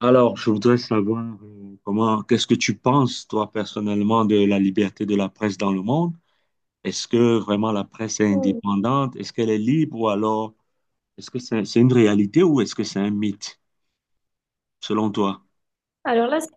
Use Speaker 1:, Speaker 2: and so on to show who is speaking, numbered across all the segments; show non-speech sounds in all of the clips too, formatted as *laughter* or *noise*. Speaker 1: Alors, je voudrais savoir comment, qu'est-ce que tu penses, toi, personnellement, de la liberté de la presse dans le monde? Est-ce que vraiment la presse est
Speaker 2: Hmm.
Speaker 1: indépendante? Est-ce qu'elle est libre ou alors est-ce que c'est une réalité ou est-ce que c'est un mythe, selon toi?
Speaker 2: Alors là,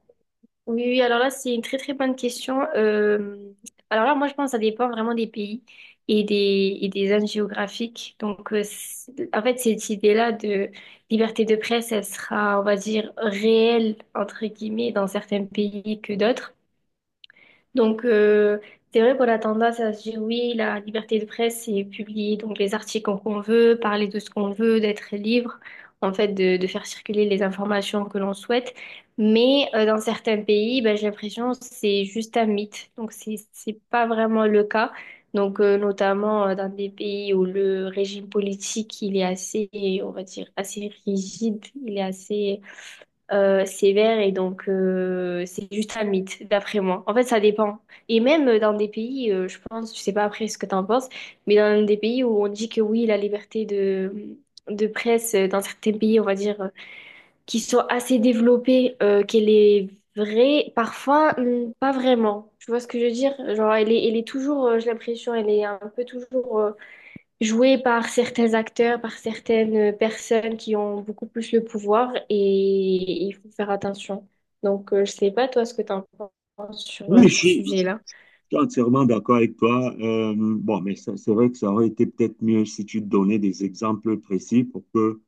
Speaker 2: oui, oui, alors là, c'est une très très bonne question. Alors là, moi, je pense que ça dépend vraiment des pays et des zones géographiques. Donc, en fait, cette idée-là de liberté de presse, elle sera, on va dire, réelle, entre guillemets, dans certains pays que d'autres. Donc, c'est vrai qu'on a tendance à se dire, oui, la liberté de presse, c'est publier donc les articles qu'on veut, parler de ce qu'on veut, d'être libre, en fait, de faire circuler les informations que l'on souhaite. Mais dans certains pays, ben, j'ai l'impression que c'est juste un mythe. Donc, c'est pas vraiment le cas. Donc, notamment dans des pays où le régime politique, il est assez, on va dire, assez rigide, il est assez sévère et donc c'est juste un mythe, d'après moi. En fait, ça dépend. Et même dans des pays, je pense, je sais pas après ce que t'en penses, mais dans des pays où on dit que oui, la liberté de presse, dans certains pays, on va dire, qui sont assez développés, qu'elle est vraie, parfois, pas vraiment. Tu vois ce que je veux dire? Genre, elle est toujours, j'ai l'impression, elle est un peu toujours joué par certains acteurs, par certaines personnes qui ont beaucoup plus le pouvoir et il faut faire attention. Donc, je sais pas toi ce que tu en penses sur
Speaker 1: Oui, je
Speaker 2: ce
Speaker 1: suis, je
Speaker 2: sujet-là.
Speaker 1: suis entièrement d'accord avec toi. Bon, mais c'est vrai que ça aurait été peut-être mieux si tu donnais des exemples précis pour que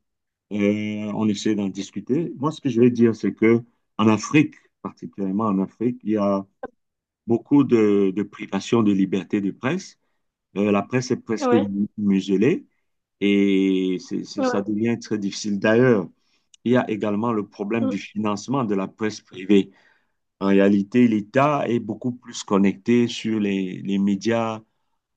Speaker 1: on essaie d'en discuter. Moi, ce que je vais dire, c'est que en Afrique, particulièrement en Afrique, il y a beaucoup de privation de liberté de presse. La presse est presque
Speaker 2: Ouais,
Speaker 1: muselée et ça
Speaker 2: ouais.
Speaker 1: devient très difficile. D'ailleurs, il y a également le problème
Speaker 2: Mm.
Speaker 1: du financement de la presse privée. En réalité, l'État est beaucoup plus connecté sur les médias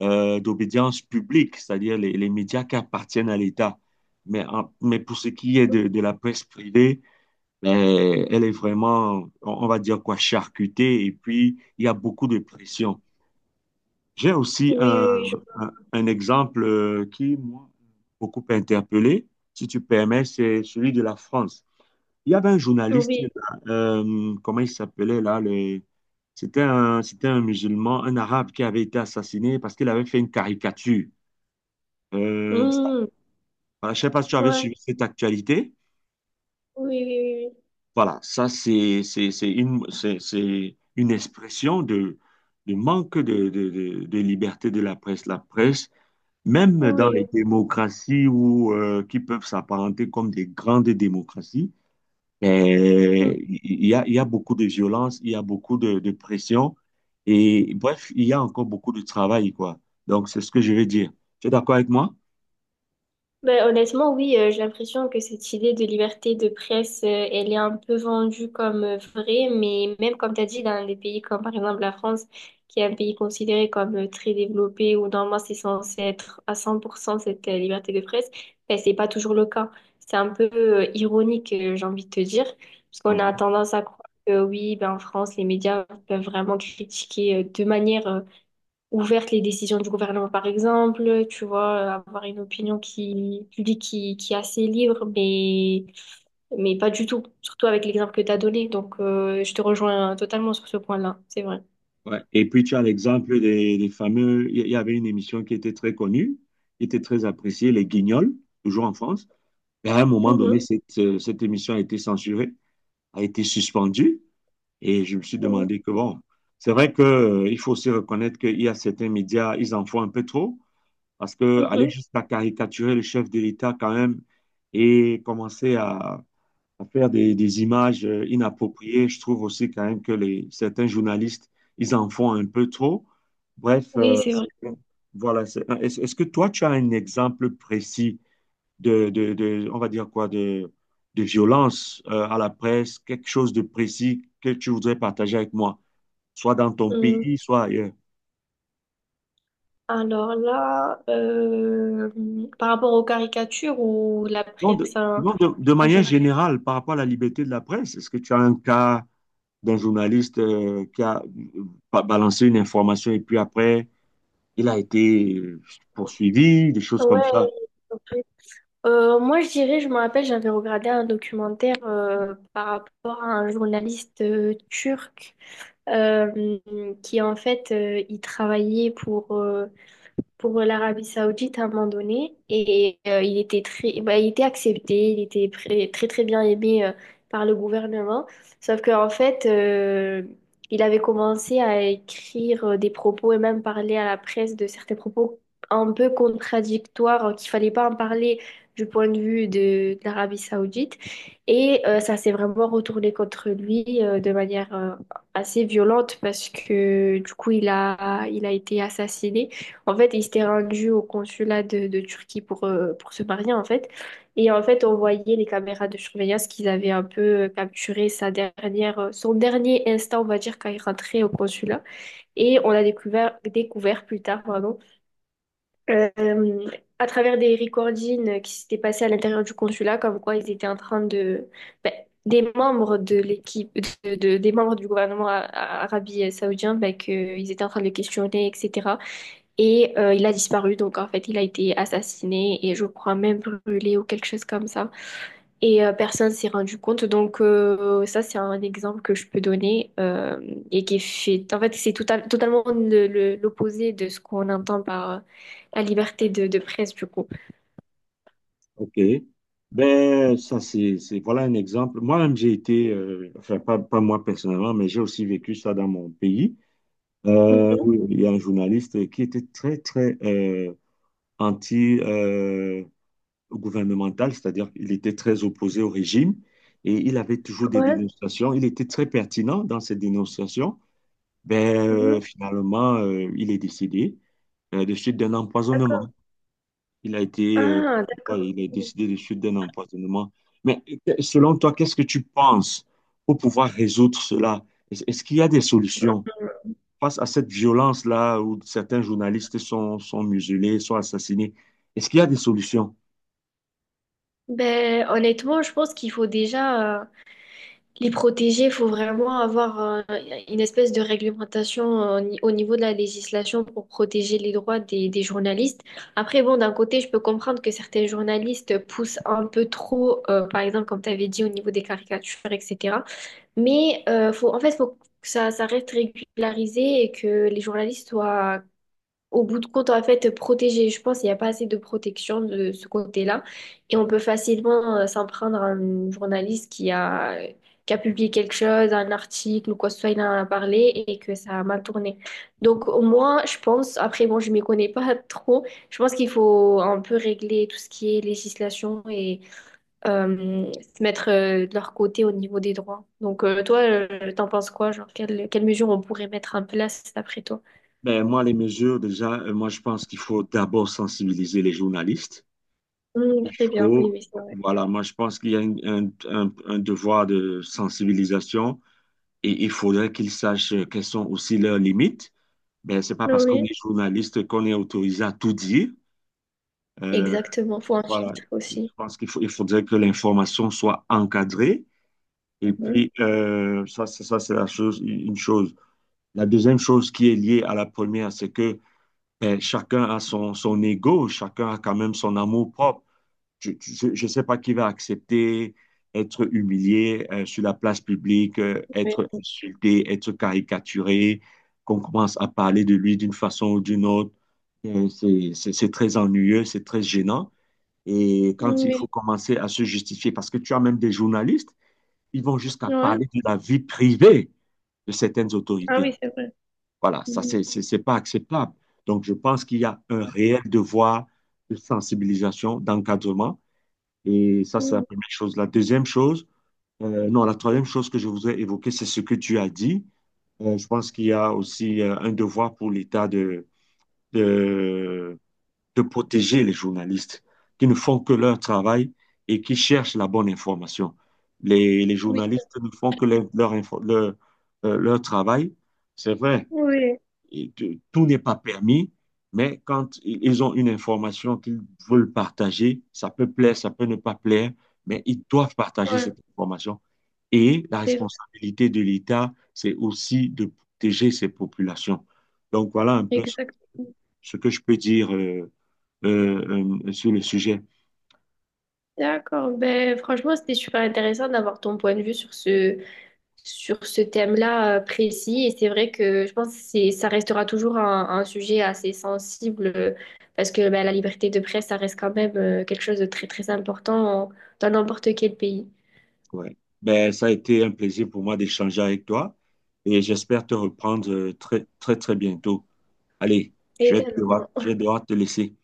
Speaker 1: d'obédience publique, c'est-à-dire les médias qui appartiennent à l'État. Mais, mais pour ce qui est de la presse privée, elle est vraiment, on va dire quoi, charcutée. Et puis, il y a beaucoup de pression. J'ai aussi
Speaker 2: Oui, oui, oui.
Speaker 1: un- Un exemple qui moi beaucoup interpellé, si tu permets, c'est celui de la France. Il y avait un journaliste,
Speaker 2: Oui.
Speaker 1: là, comment il s'appelait là, c'était c'était un musulman, un arabe qui avait été assassiné parce qu'il avait fait une caricature.
Speaker 2: Mm.
Speaker 1: Je ne sais pas si tu avais
Speaker 2: Ouais.
Speaker 1: suivi cette actualité.
Speaker 2: Oui, oui,
Speaker 1: Voilà, ça c'est c'est une expression de manque de liberté de la presse. La presse même dans
Speaker 2: oui.
Speaker 1: les
Speaker 2: Oui.
Speaker 1: démocraties où, qui peuvent s'apparenter comme des grandes démocraties,
Speaker 2: Oui.
Speaker 1: eh, il y a beaucoup de violence, il y a beaucoup de pression et bref, il y a encore beaucoup de travail, quoi. Donc, c'est ce que je veux dire. Tu es d'accord avec moi?
Speaker 2: Ben, honnêtement, oui, j'ai l'impression que cette idée de liberté de presse, elle est un peu vendue comme vraie, mais même comme tu as dit, dans des pays comme par exemple la France, qui est un pays considéré comme très développé, où normalement c'est censé être à 100% cette liberté de presse, ben, c'est pas toujours le cas. C'est un peu ironique, j'ai envie de te dire, parce qu'on a
Speaker 1: Mhm.
Speaker 2: tendance à croire que oui, ben, en France, les médias peuvent vraiment critiquer de manière ouverte les décisions du gouvernement, par exemple, tu vois, avoir une opinion qui, publique qui est assez libre, mais pas du tout, surtout avec l'exemple que tu as donné. Donc, je te rejoins totalement sur ce point-là, c'est vrai.
Speaker 1: Ouais. Et puis, tu as l'exemple des fameux. Il y avait une émission qui était très connue, qui était très appréciée, Les Guignols, toujours en France. Et à un moment donné,
Speaker 2: Mhm.
Speaker 1: cette émission a été censurée, a été suspendue. Et je me suis
Speaker 2: Oui,
Speaker 1: demandé que, bon, c'est vrai qu'il il faut aussi reconnaître qu'il y a certains médias, ils en font un peu trop, parce que aller
Speaker 2: mhm.
Speaker 1: jusqu'à caricaturer le chef de l'État quand même et commencer à faire des images inappropriées, je trouve aussi quand même que les, certains journalistes, ils en font un peu trop. Bref,
Speaker 2: Oui, c'est vrai.
Speaker 1: Est-ce que toi, tu as un exemple précis on va dire quoi, de violence à la presse, quelque chose de précis que tu voudrais partager avec moi, soit dans ton
Speaker 2: Mhm.
Speaker 1: pays, soit ailleurs.
Speaker 2: Alors là, par rapport aux caricatures ou la
Speaker 1: Non, de,
Speaker 2: presse, hein,
Speaker 1: non, de
Speaker 2: en
Speaker 1: manière
Speaker 2: général.
Speaker 1: générale, par rapport à la liberté de la presse, est-ce que tu as un cas d'un journaliste qui a balancé une information et puis après, il a été poursuivi, des choses comme ça?
Speaker 2: Ouais, moi, je dirais, je me rappelle, j'avais regardé un documentaire par rapport à un journaliste turc euh, qui, en fait, il travaillait pour l'Arabie Saoudite à un moment donné et il était très bah, il était accepté, il était très très bien aimé par le gouvernement. Sauf qu'en fait il avait commencé à écrire des propos et même parler à la presse de certains propos un peu contradictoires qu'il fallait pas en parler du point de vue de l'Arabie Saoudite et ça s'est vraiment retourné contre lui de manière assez violente parce que du coup il a été assassiné. En fait, il s'était rendu au consulat de Turquie pour se marier, en fait. Et en fait, on voyait les caméras de surveillance qu'ils avaient un peu capturé sa dernière, son dernier instant, on va dire, quand il rentrait au consulat. Et on a découvert, découvert plus tard, pardon, euh, euh, à travers des recordings qui s'étaient passés à l'intérieur du consulat, comme quoi ils étaient en train de, ben, des membres de l'équipe, des membres du gouvernement Arabie saoudien, ben, qu'ils étaient en train de le questionner, etc. Et il a disparu, donc en fait il a été assassiné et je crois même brûlé ou quelque chose comme ça. Et personne s'est rendu compte, donc ça c'est un exemple que je peux donner et qui fait, en fait c'est totalement l'opposé de ce qu'on entend par la liberté de presse du coup.
Speaker 1: OK. Ben, ça, voilà un exemple. Moi-même, j'ai été, enfin, pas moi personnellement, mais j'ai aussi vécu ça dans mon pays.
Speaker 2: Mhm.
Speaker 1: Oui, il y a un journaliste qui était très anti-gouvernemental, c'est-à-dire qu'il était très opposé au régime et il avait toujours des
Speaker 2: Ouais.
Speaker 1: dénonciations. Il était très pertinent dans ses dénonciations. Ben,
Speaker 2: Mhm.
Speaker 1: il est décédé de suite d'un
Speaker 2: D'accord.
Speaker 1: empoisonnement. Il a été,
Speaker 2: Ah,
Speaker 1: voilà,
Speaker 2: d'accord.
Speaker 1: il est décédé de suite d'un empoisonnement. Mais selon toi, qu'est-ce que tu penses pour pouvoir résoudre cela? Est-ce qu'il y a des solutions? Face à cette violence-là où certains journalistes sont muselés, sont assassinés, est-ce qu'il y a des solutions?
Speaker 2: Ben, honnêtement, je pense qu'il faut déjà. Les protéger, il faut vraiment avoir une espèce de réglementation au niveau de la législation pour protéger les droits des journalistes. Après, bon, d'un côté, je peux comprendre que certains journalistes poussent un peu trop, par exemple, comme tu avais dit, au niveau des caricatures, etc. Mais faut, en fait, il faut que ça reste régularisé et que les journalistes soient au bout de compte, en fait, protéger, je pense qu'il n'y a pas assez de protection de ce côté-là. Et on peut facilement s'en prendre à un journaliste qui a publié quelque chose, un article ou quoi que ce soit, il en a parlé et que ça a mal tourné. Donc, moi, je pense, après, bon, je ne m'y connais pas *laughs* trop, je pense qu'il faut un peu régler tout ce qui est législation et euh, se mettre de leur côté au niveau des droits. Donc, toi, t'en penses quoi? Genre, quelles mesures on pourrait mettre en place après toi?
Speaker 1: Ben, moi, les mesures, déjà, je pense qu'il faut d'abord sensibiliser les journalistes. Il
Speaker 2: Très bien, oui,
Speaker 1: faut,
Speaker 2: oui.
Speaker 1: voilà, moi, je pense qu'il y a un devoir de sensibilisation et il faudrait qu'ils sachent quelles sont aussi leurs limites. Ben, c'est pas parce qu'on
Speaker 2: Oui,
Speaker 1: est journaliste qu'on est autorisé à tout dire. Euh,
Speaker 2: exactement, faut un
Speaker 1: voilà,
Speaker 2: filtre
Speaker 1: je
Speaker 2: aussi.
Speaker 1: pense il faudrait que l'information soit encadrée. Et
Speaker 2: Mhm.
Speaker 1: puis, ça, ça, c'est la chose, une chose. La deuxième chose qui est liée à la première, c'est que ben, chacun a son ego, chacun a quand même son amour-propre. Je ne sais pas qui va accepter être humilié sur la place publique,
Speaker 2: Oui,
Speaker 1: être insulté, être caricaturé, qu'on commence à parler de lui d'une façon ou d'une autre. C'est très ennuyeux, c'est très gênant. Et quand il faut
Speaker 2: oui.
Speaker 1: commencer à se justifier, parce que tu as même des journalistes ils vont jusqu'à
Speaker 2: Ouais.
Speaker 1: parler de la vie privée de certaines
Speaker 2: Ah
Speaker 1: autorités.
Speaker 2: oui, c'est vrai.
Speaker 1: Voilà, ça,
Speaker 2: Mhm.
Speaker 1: c'est pas acceptable. Donc, je pense qu'il y a un réel devoir de sensibilisation, d'encadrement. Et ça, c'est la
Speaker 2: Mhm.
Speaker 1: première chose. La deuxième chose, non, la troisième chose que je voudrais évoquer, c'est ce que tu as dit. Je pense qu'il y a aussi un devoir pour l'État de, de protéger les journalistes qui ne font que leur travail et qui cherchent la bonne information. Les
Speaker 2: Oui,
Speaker 1: journalistes ne font que leur travail. C'est vrai,
Speaker 2: vrai.
Speaker 1: et tout n'est pas permis, mais quand ils ont une information qu'ils veulent partager, ça peut plaire, ça peut ne pas plaire, mais ils doivent partager
Speaker 2: Oui, ouais,
Speaker 1: cette information. Et la
Speaker 2: c'est vrai.
Speaker 1: responsabilité de l'État, c'est aussi de protéger ces populations. Donc voilà un peu
Speaker 2: Exact.
Speaker 1: ce que je peux dire sur le sujet.
Speaker 2: D'accord. Ben, franchement, c'était super intéressant d'avoir ton point de vue sur ce thème-là précis. Et c'est vrai que je pense que ça restera toujours un sujet assez sensible parce que ben, la liberté de presse, ça reste quand même quelque chose de très, très important dans n'importe quel pays.
Speaker 1: Ouais. Ben, ça a été un plaisir pour moi d'échanger avec toi et j'espère te reprendre très bientôt. Allez,
Speaker 2: Également.
Speaker 1: je vais devoir te laisser.